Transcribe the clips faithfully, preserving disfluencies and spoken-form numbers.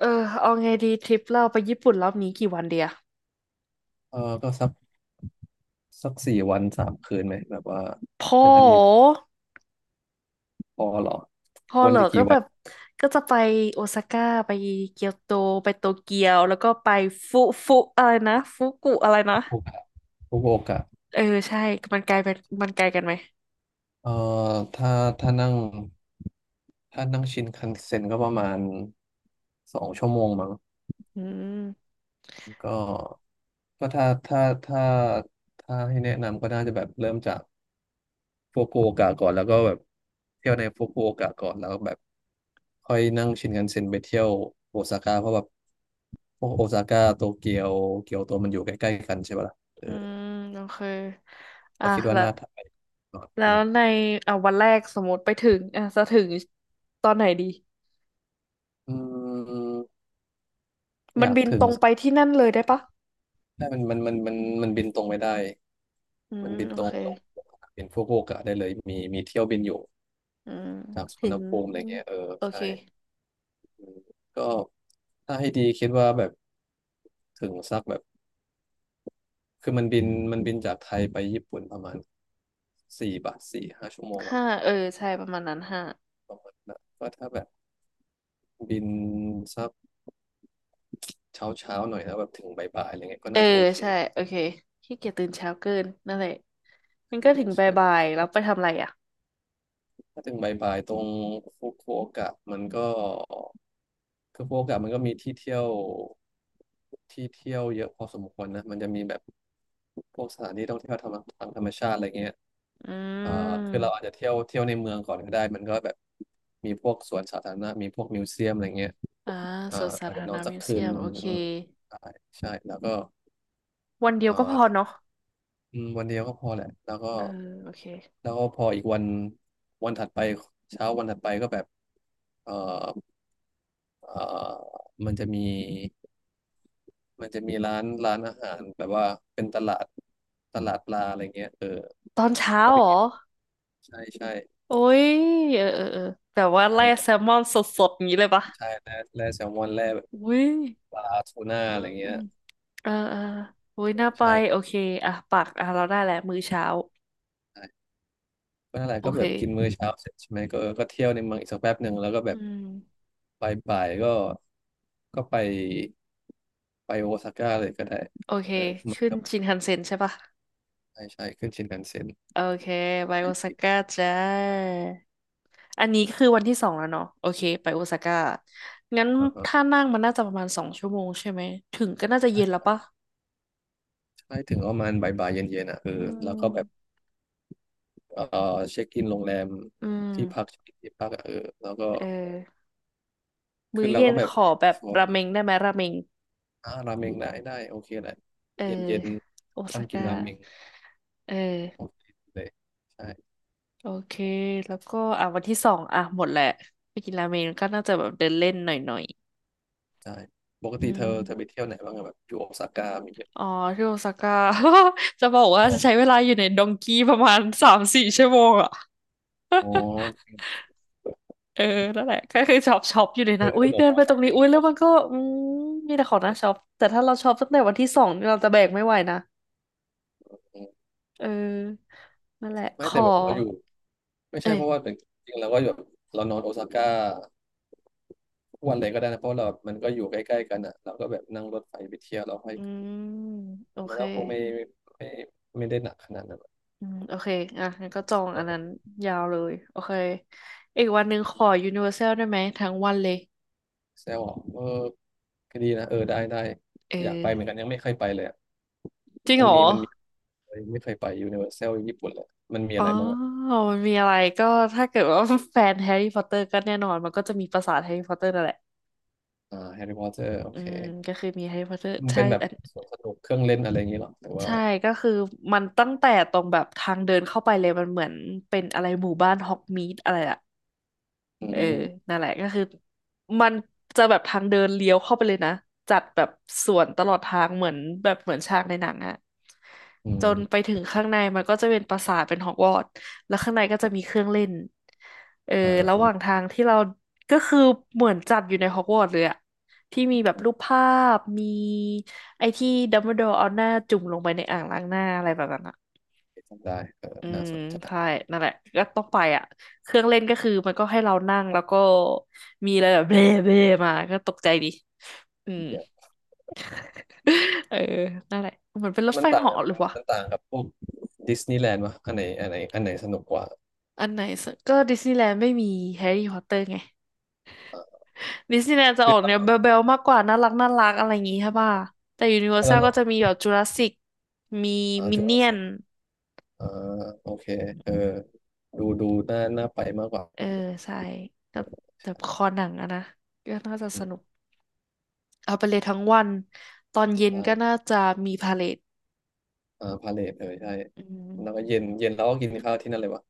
เออเอาไงดีทริปเราไปญี่ปุ่นรอบนี้กี่วันเดียเออก็สักสักสี่วันสามคืนไหมแบบว่าพอจะได้มีพอเหรอพอวันเหรอจะก็กี่วัแบนบก็จะไปโอซาก้าไปเกียวโตไปโตเกียวแล้วก็ไปฟุฟุอะไรนะฟุกุอะไรนะทุกโอกาสทุกโอกาสเออใช่มันไกลไปมันไกลกันไหมเออถ้าถ้านั่งถ้านั่งชินคันเซ็นก็ประมาณสองชั่วโมงมั้งอืมก็ก็ถ้าถ้าถ้าถ้าให้แนะนำก็น่าจะแบบเริ่มจาก ฟุกุโอกะก่อนแล้วก็แบบเที่ยวในฟุกุโอกะก่อนแล้วแบบค่อยนั่งชินคันเซ็นไปเที่ยวโอซาก้าเพราะแบบพวกโอซาก้าโตเกียวเกียวโตมันอยู่ใกล้ๆกันใช่ปะล่ะเอออืมโอเคอ่ะก็คิดว่าแล้วน่าทำไปก่อนแล้อวในอ่ะวันแรกสมมติไปถึงอ่ะจะถึงตอนไหนดีืมอืมอมันยากบินถึตงรงไปที่นั่นเลยได้ปะใช่มันมันมันมันมันบินตรงไม่ได้อืมัมนบินโอตรงเคลงเป็นฟุกุโอกะได้เลยมีมีเที่ยวบินอยู่อืมจากสุวถึรรณงภูมิอะไรเงี้ยเออโอเค ใช่อืมก็ถ้าให้ดีคิดว่าแบบถึงสักแบบ คือมันบินมันบินจากไทยไปญี่ปุ่นประมาณสี่บาทสี่ห้าชั่วโมงอะห้าเออใช่ประมาณนั้นห้านะก็ถ้าแบบบินสักเช้าเช้าหน่อยแล้วแบบถึงบ่ายๆอะไรเงี้ยก็เออน่าจะโอเคใช่โอเคขี้เกียจตื่นเช้าเกินนั่นแหละมันก็ไม่ถึต้องงบ่ายๆแล้วไปทำอะไรอ่ะถ้าถึงบ่ายๆตรงฟุกุโอกะมันก็คือฟุกุโอกะมันก็มีที่เที่ยวที่เที่ยวเยอะพอสมควรนะมันจะมีแบบพวกสถานที่ท่องเที่ยวธรรมทางธรรมชาติอะไรเงี้ยอือ่าคือมเราอาจจะเที่ยวเที่ยวในเมืองก่อนก็ได้มันก็แบบมีพวกสวนสาธารณะมีพวกมิวเซียมอะไรเงี้ย อ่าสวนเอ่าสาอาจธาจะรนอณะนสักมิวคืเซีนยมหนึ่งโอเคอืมใช่ใช่แล้วก็วันเดียวก็พเอ่าอเนาะอืมวันเดียวก็พอแหละแล้วก็เออโอเคแล้วก็พออีกวันวันถัดไปเช้าวันถัดไปก็แบบเอ่อเอ่อมันจะมีมันจะมีร้านร้านอาหารแบบว่าเป็นตลาดตลาดปลาอะไรเงี้ยเออตอนเช้าก็ไปเหรกิอนใช่ใช่โอ้ยเออเออเออแบบว่าใช่ไล่ก็แซลมอนสดๆอย่างนี้เลยปะใช่แร่แร่แซลมอนแร่แบบอุ้ยปลาทูน่าอือะไรมเงี้ยเออเอออุ้ยน่าไปโอใช่เคอ่ะปักอ่ะเราได้แหละมื้อเช้าใช่ก็นั่นแหละโอก็เคแบบกินมื้อเช้าเสร็จใช่ไหมก็ก็เที่ยวในเมืองอีกสักแป๊บหนึ่งแล้วก็แบอืบ มไปบ่ายๆก็ก็ไปไปโอซาก้าเลยก็ได้โอเคเออมันขึ้นก็ชินคันเซ็นใช่ปะ ใช่ใช่ขึ้นชินคันเซ็นโอเคไปไปโอซาผิดก้าจ้าอันนี้คือวันที่สองแล้วเนาะโอเคไปโอซาก้างั้นอ่าฮะถ้านั่งมันน่าจะประมาณสองชั่วโมงใช่ไหมถึงก็น่าจะใช่เย็นแล้วใช่ปะใช่ถึงประมาณบ่ายบ่ายเย็นเย็นๆอ่ะเออือแล้วก็แบบมเออเช็คอินโรงแรมอืที่พักมเช็คอินที่พักอะเออแล้วก็เออคืมื้ออเราเย็ก็นแบขบอแบบชัวร์ราเออเมงได้ไหมราเมงอ่าราเมงได้ได้โอเคแหละเออเย็นเย็นโอซาค่ำกินก้าราเมงเอโออเคเลยใช่โอเคแล้วก็อ่ะวันที่สองอ่ะหมดแหละไปกินราเมงก็น่าจะแบบเดินเล่นหน่อยใช่ปกๆอืติเธม อเธอไปเที่ยวไหนบ้างอะแบบอยู่โอซาก้ามีเที่ยอ๋อ อะ ที่โอซาก้า จะบอกชว่าอบไหมใช้เวลาอยู่ในดงกี้ประมาณสามสี่ชั่วโมงอ่ะอ๋อเออนั่นแหละก็คือช็อปช็อปอยู่ในเธนั้อนนเลอุ้ยหนเดินอไปตช้รอปงนี้ปิ้งอุ้ยที่แล้วเรามัชินก็อืมมีแต่ของน่าช็อปแต่ถ้าเราช็อปตั้งแต่วันที่สองเราจะแบกไม่ไหวนะม เออนั่นแหละขไม่แต่อแบบเราอยู่ไม่ใช่เอ้เพยราะว่าแต่จริงๆเราก็แบบเรานอนโอซาก้าทุกวันเลยก็ได้นะเพราะเรามันก็อยู่ใกล้ๆกันอ่ะเราก็แบบนั่งรถไฟไปเที่ยวเราให้อืมโอมันเคแล้วคงไม่ไม่ไม่ได้หนักขนาดนั้นอะอืมโอเคอ่ะงั้นก็จองตออันนนั้นั้นนยาวเลยโอเคอีกวันหนึ่งขอ Universal ได้ไหมทั้งวันเลยแซวอ่ะเออก็ดีนะเออได้ได้เอออยากไปเหมือนกันยังไม่เคยไปเลยอะจริงมัเหนรอ มีมันมีไม่เคยไปยูนิเวอร์แซลญี่ปุ่นเลยมันมีอ๋อะอไรบ้างอ่ะมันมีอะไรก็ถ้าเกิดว่า แฟนแฮร์รี่พอตเตอร์ก็แน่นอนมันก็จะมีปราสาทแฮร์รี่พอตเตอร์นั่นแหละอ่าแฮร์รี่พอตเตอร์โออืเคมก็คือมีแฮร์รี่พอตเตอร์มันใช่เป็นแบบอันสวนสนุกเครื่องเล่นอะไรอย่างงี้เหรอแต่ว่าใช่ก็คือมันตั้งแต่ตรงแบบทางเดินเข้าไปเลยมันเหมือนเป็นอะไรหมู่บ้านฮอกมีดอะไรอะ อืเออมนั่นแหละก็คือมันจะแบบทางเดินเลี้ยวเข้าไปเลยนะ จัดแบบสวนตลอดทางเหมือนแบบเหมือนฉากในหนังอะอืจมนไปถึงข้างในมันก็จะเป็นปราสาทเป็นฮอกวอตส์แล้วข้างในก็จะมีเครื่องเล่นเอออ่า ระหว่างทางที่เราก็คือเหมือนจัดอยู่ในฮอกวอตส์เลยอะที่มีแบบรูปภาพ มีไอ้ที่ดัมเบิลดอร์เอาหน้าจุ่มลงไปในอ่างล้างหน้าอะไรแบบนั้นอะ ได้เอออืน่ามสนใจใช่นั่นแหละก็ต้องไปอ่ะเครื่องเล่นก็คือมันก็ให้เรานั่งแล้วก็มีอะไรแบบเบ้เบ้มาก็ตกใจดีอืม เยอะ เออนั่นแหละเหมือนเป็นรถ้าถมัไฟนต่างกัเหาะนหรือมันวะมันต่างกับพวกดิสนีย์แลนด์วะอันไหนอันไหนอันไหนสนุกกว่าอันไหนสกก็ดิสนีย์แลนด์ไม่มีแฮร์รี่พอตเตอร์ไงอ่าดิสนีย์แลนด์จะคือออกแนวเราเบลๆมากกว่าน่ารักน่ารักอะไรอย่างงี้ใช่ป่ะแต่ยูนิเวอร์แซแล้ลก็จะเรามีแบบจูราสสิกมีอ่ามิจูนราเนี่สยนสิกอ่าโอเคเออดูดูน่าน่าไปมากกว่าเออใช่แบบแบบคอหนังอะนะก็น่าจะอืสนุก มเอาไปเลยทั้งวันตอนเย็นได้ก็น่าจะมีพาเลทอ่าพาเลทเออ ใช่อืแล้วก็มเย็นเย็นแล้วก็กินข้าวที่นั่นเลยวะ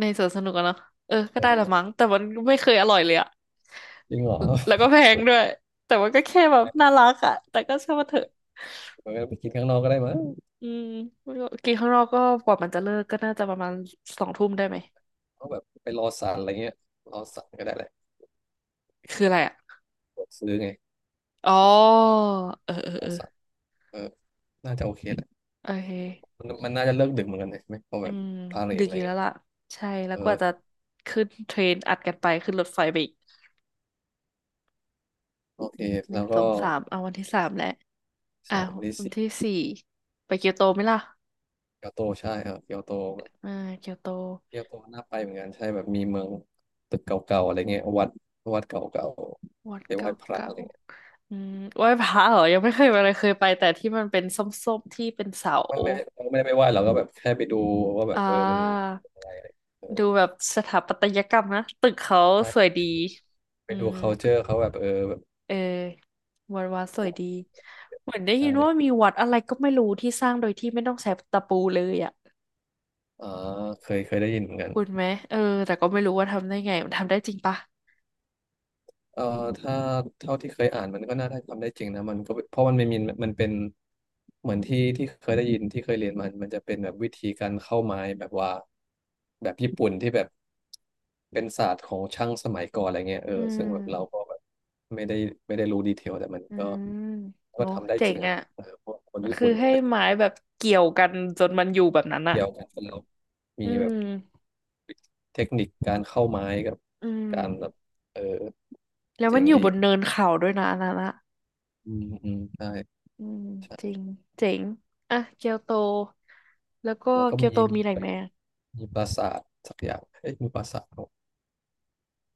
ในสวนสนุกอะเนาะเออก็ได้ละเออมั้งแต่มันไม่เคยอร่อยเลยอะจริงเหรอแล้วก็แพงด้วยแต่มันก็แค่แบบน่ารักอะแต่ก็ช่างมันเถอะเออไปกินข้างนอกก็ได้มั้งอืมกินข้างนอกก็กว่ามันจะเลิกก็น่าจะประมาณสองทุ่มได้ไหมเอาแบบไปรอสารอะไรเงี้ยรอสารก็ได้แหละคืออะไรอะกดซื้อไงอ๋อเออเออรอเออสารเออน่าจะโอเคแหละ โอเคมันมันน่าจะเลิกดึกเหมือนกันเลยใช่ไหมเพออืแบบมพาเลดึทกอะอไรยู่แล้เงี้วย ล่ะใช่แล้เอวกอว่าจะขึ้นเทรนอัดกันไปขึ้นรถไฟไปอีกโอเคหนึ่แล้งวสอก็งสามเอาวันที่สามแล้ว อ้าสามวลิวันซิที่สี่ไปเกียวโตไหมล่ะเกียวโตใช่ครับเกียวโตอ่าเกียวโตเกียวโตน่าไปเหมือนกันใช่แบบมีเมืองตึกเก่าๆอะไรเงี้ยวัดวัดเก่าวัดๆไปไหว้เก่าพระเก่าอะไรเงี้ยอืมไหว้พระเหรอยังไม่เคยไปเลยเคยไปแต่ที่มันเป็นส้มๆที่เป็นเสาไม่ไม่เราไม่ได้ไปไหว้เราก็แบบแค่ไปดูว่าแบอ่บเออมันาเป็นอะไรอะไรดูแบบสถาปัตยกรรมนะ ตึกเขาใช่สวยไปดีดูไปอืดู ม culture เขาแบบเออแบบเออวัดวัดสวยดี เหมือนได้ใช่ยินว่ามีวัดอะไรก็ไม่รู้ที่สร้างโดยที่ไม่ต้องใช้ตะปูเลยอ่ะอ่าเคยเคยได้ยินเหมือนกัน คุณไหมเออแต่ก็ไม่รู้ว่าทำได้ไง มันทำได้จริงปะเอ่อถ้าเท่าที่เคยอ่านมันก็น่าได้ทำได้จริงนะมันก็เพราะมันไม่มีมันเป็นเหมือนที่ที่เคยได้ยินที่เคยเรียนมันมันจะเป็นแบบวิธีการเข้าไม้แบบว่าแบบญี่ปุ่นที่แบบเป็นศาสตร์ของช่างสมัยก่อนอะไรเงี้ยเอออืซึ่งแบบเราก็มแบบไม่ได้ไม่ได้รู้ดีเทลแต่มันอืก็มก็โอ้ทำได้เจ๋จริงงอ่ะอ่ะ เออเพราะคนมันญี่คือปุ่นมันให้ก็ไม้แบบเกี่ยวกันจนมันอยู่แบบนั้นอะเกี่ยวกันเป็นเราอืมีแบบมเทคนิคการเข้าไม้กับอืมการแบบเออแล้วมัเจ๋นงอยู่ดีบนเนินเขาด้วยนะอันนั้นอะอืมอืมใช่อืมจริงเจ๋งอ่ะเกียวโต แล้วก็แล้วก็เกียมีวโตมีมีอะไรไป ไหมอะมีปราสาทสักอย่างเอ๊ะมีปราสาทเหรอ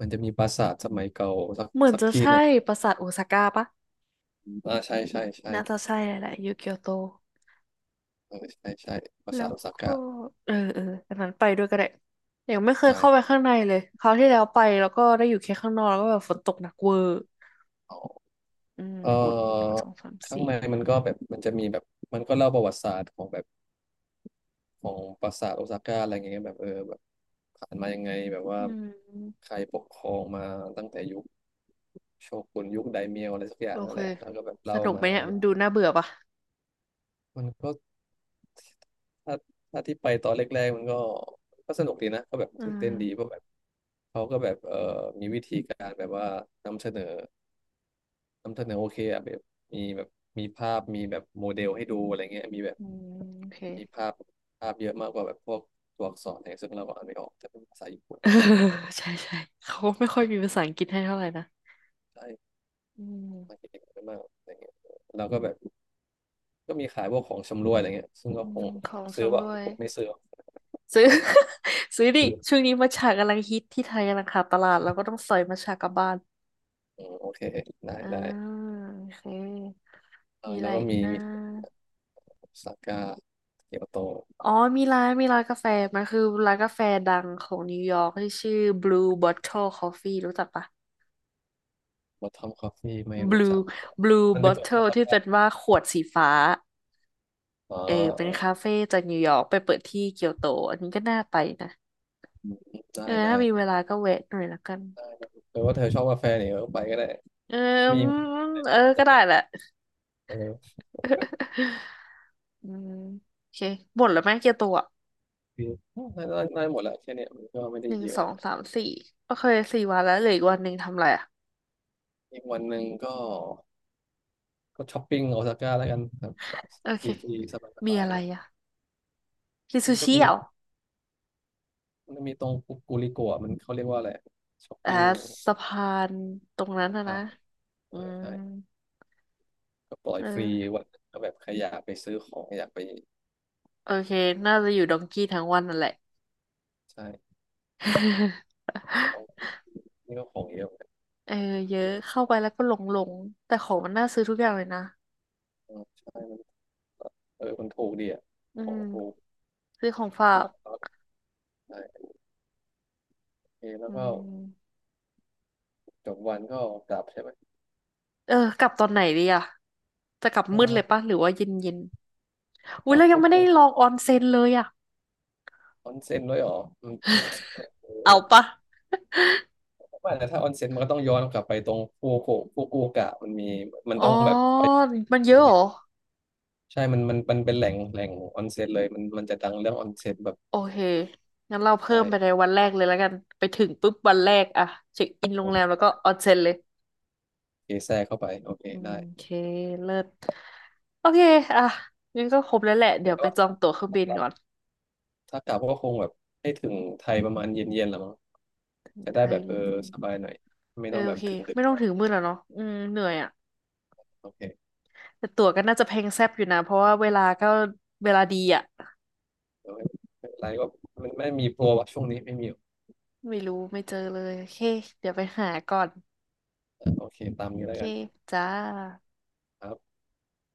มันจะมีปราสาทสมัยเก่าสักเหมือนสักจะที่หใช่นึ่งปราสาทโอซาก้าปะอ่าใช่ใช่ใช่น่าจะใช่แหละแหละอยู่เกียวโต เออใช่ใช่ปราแล้สาทวโอซาก็ก้าเออเอออันนั้นไปด้วยก็ได้ยังไม่เคยได้เข้าไปข้างในเลยคราวที่แล้วไปแล้วก็ได้อยู่แค่ข้างนอกแล้วก็แบบฝนตกหนักเวอร์อ๋ออืมเออดหนึ่งอสองสามข้างสี่ในมันก็แบบมันจะมีแบบมันก็เล่าประวัติศาสตร์ของแบบของปราสาทโอซาก้าอะไรอย่างเงี้ยแบบเออแบบผ่านมายังไงแบบว่าอืม ใครปกครองมาตั้งแต่ยุคโชกุนยุคไดเมียวอะไรสักอโอย่างนั่เค นแหละแล้วก็แบบสเล่านุกไหมามอะไรเนี่ยอมันย่าดูงน่าเบื่อปะมันก็ ถ้าถ้าที่ไปตอนแรกๆมันก็ก็สนุกดีนะก็แบบอืตื่นเต้นดีเพราะมแบบเขาก็แบบเอ่อมีวิธีการแบบว่านำเสนอนำเสนอโอเคอะแบบมีแบบมีภาพมีแบบโมเดลให้ดูอะไรเงี้ยมีแบบอืมโอเค มีภาพภาพเยอะมากกว่าแบบพวกตัวอักษรอะไรซึ่งเราก็อ่านไม่ออกแต่เป็นภาษาญี่ปุ่น เออใช่ใช่เขาไม่ค่อยมีภาษาอังกฤษให้เท่าไหร่นะใช่อืมามเก่งมากอะไรเงี้ยเราก็แบบก็มีขายพวกของชำร่วยอะไรเงี้ยซึ่งก็อืคมงของซื้อชำว่าร่วยผมไม่ซื้ออซื้อ ซื้อดิซื้อช่วงนี้มัทฉะกำลังฮิตที่ไทยกำลังขาดตปลาระดแล้วก็ชาต้องสอยมัทฉะกลับบ้านอืมโอเคได้อ่าได้โอเค เออมีอะแล้ไรวก็อีกมีนะมี โอซาก้าเกียวโตอ๋อมีร้านมีร้านกาแฟมันคือร้านกาแฟดังของนิวยอร์กที่ชื่อ บลู บอทเทิล คอฟฟี่ รู้จักปะ วอททอมคอฟฟี่ไม่รู้จั blue ก blue มันไปเปิดที่โอ bottle ซาที่ก้าเป็นว่าขวดสีฟ้าอ๋อเออเอเป็อนคาเฟ่จากนิวยอร์กไปเปิดที่เกียวโตอันนี้ก็น่าไปนะอืมเอได้อได้ถ้ามีเวลาก็แวะหน่อยละกันได้ได้เออว่าเธอชอบกาแฟเนี่ยเออไปก็ได้เออมีอืมเออก็ได้แหละ เออ อืมโอเคหมดแล้วไหมเกียวโตอ่ะคือได้ได้ได้หมดแหละแค่เนี้ยมันก็ไม่ได้หนึ่งเยสอะองสามสี่โอเคสี่วันแล้วเหลืออีกวันหนึ่งทำอะไรอ่ะอีกวันหนึ่งก็ก็ช้อปปิ้งโอซาก้าแล้วกันครับโอฟเครีฟรีสบายสมีบายอะไรนะอ่ะกินมัซูนก็ชิมีเหรอมันมีตรงกูริโกะมันเขาเรียกว่าอะไรช้อปอ่าปิ้งสะพานตรงนั้นนะนะอ่ะเออือมใช่ก็ปล่อยเอฟรีอวันก็แบบใครอยากไปซื้อของอยากไปโอเคน่าจะอยู่ดองกี้ทั้งวันนั่นแหละ ใช่ เอาที่ นี่ก็ของเยอะเหมือนกันเออเยอะเข้าไปแล้วก็หลงหลงแต่ของมันน่าซื้อทุกอย่างเลยนะอืมใช่มันเออมันถูกดีอ่ะอืของถูกมซื้อของฝากแล้วก็ได้โอเคแล้อืวก็มจบวันก็กลับใช่ไหมเออกลับตอนไหนดีอะจะกลับมืดเลยเออปะหรือว่าเย็นเย็นอุ้กยลับเรายังก็ไม่คได้งลองออนเซ็นเลยอะ ออนเซ็นด้วยเหรออืมเออ เอาปะไม่แต่ถ้าออนเซ็นมันก็ต้องย้อนกลับไปตรงฟูกุฟูกุกะมันมีมันอ๋อต้องแบบไปมันอะเยไรอะเหรเงี้อยใช่มันมันมันเป็นแหล่งแหล่งออนเซ็นเลยมันมันจะดังเรื่องออนเซ็นแบบโอเคงั้นเราเพิ่ใช่มไปในวันแรกเลยแล้วกันไปถึงปุ๊บวันแรกอะเช็คอินโรงแรมแล้วโอก็ออนเซ็นเลย เคแทรกเข้าไปโอเคอืมได้โอเคเลิศโอเคอ่ะงั้นก็ครบแล้วแหละเดี๋ยแต่วไปว่าจอถ้งตั๋วเครื่องาบินกลับก่อนถ้ากลับก็คงแบบให้ถึงไทยประมาณเย็นๆแหละมั้ง จะไทได้แบยบเยเออ็นสบายหน่อยๆไม่เออต้องโอแบบเคถึงดึกไม่ต้องนะถึงมือแล้วเนาะอืมเหนื่อยอ่ะโอเคแต่ตั๋วก็น่าจะแพงแซบอยู่นะเพราะว่าเวลาก็เวลาดีอ่ะโอเคไม่เป็นไรก็มันไม่มีโปรอะช่วงนี้ไม่มีหรอกไม่รู้ไม่เจอเลยโอเคเดี๋ยวไปหาก่อนอ่ะโอเคตามโอนี้แล้เควกันจ้าครับ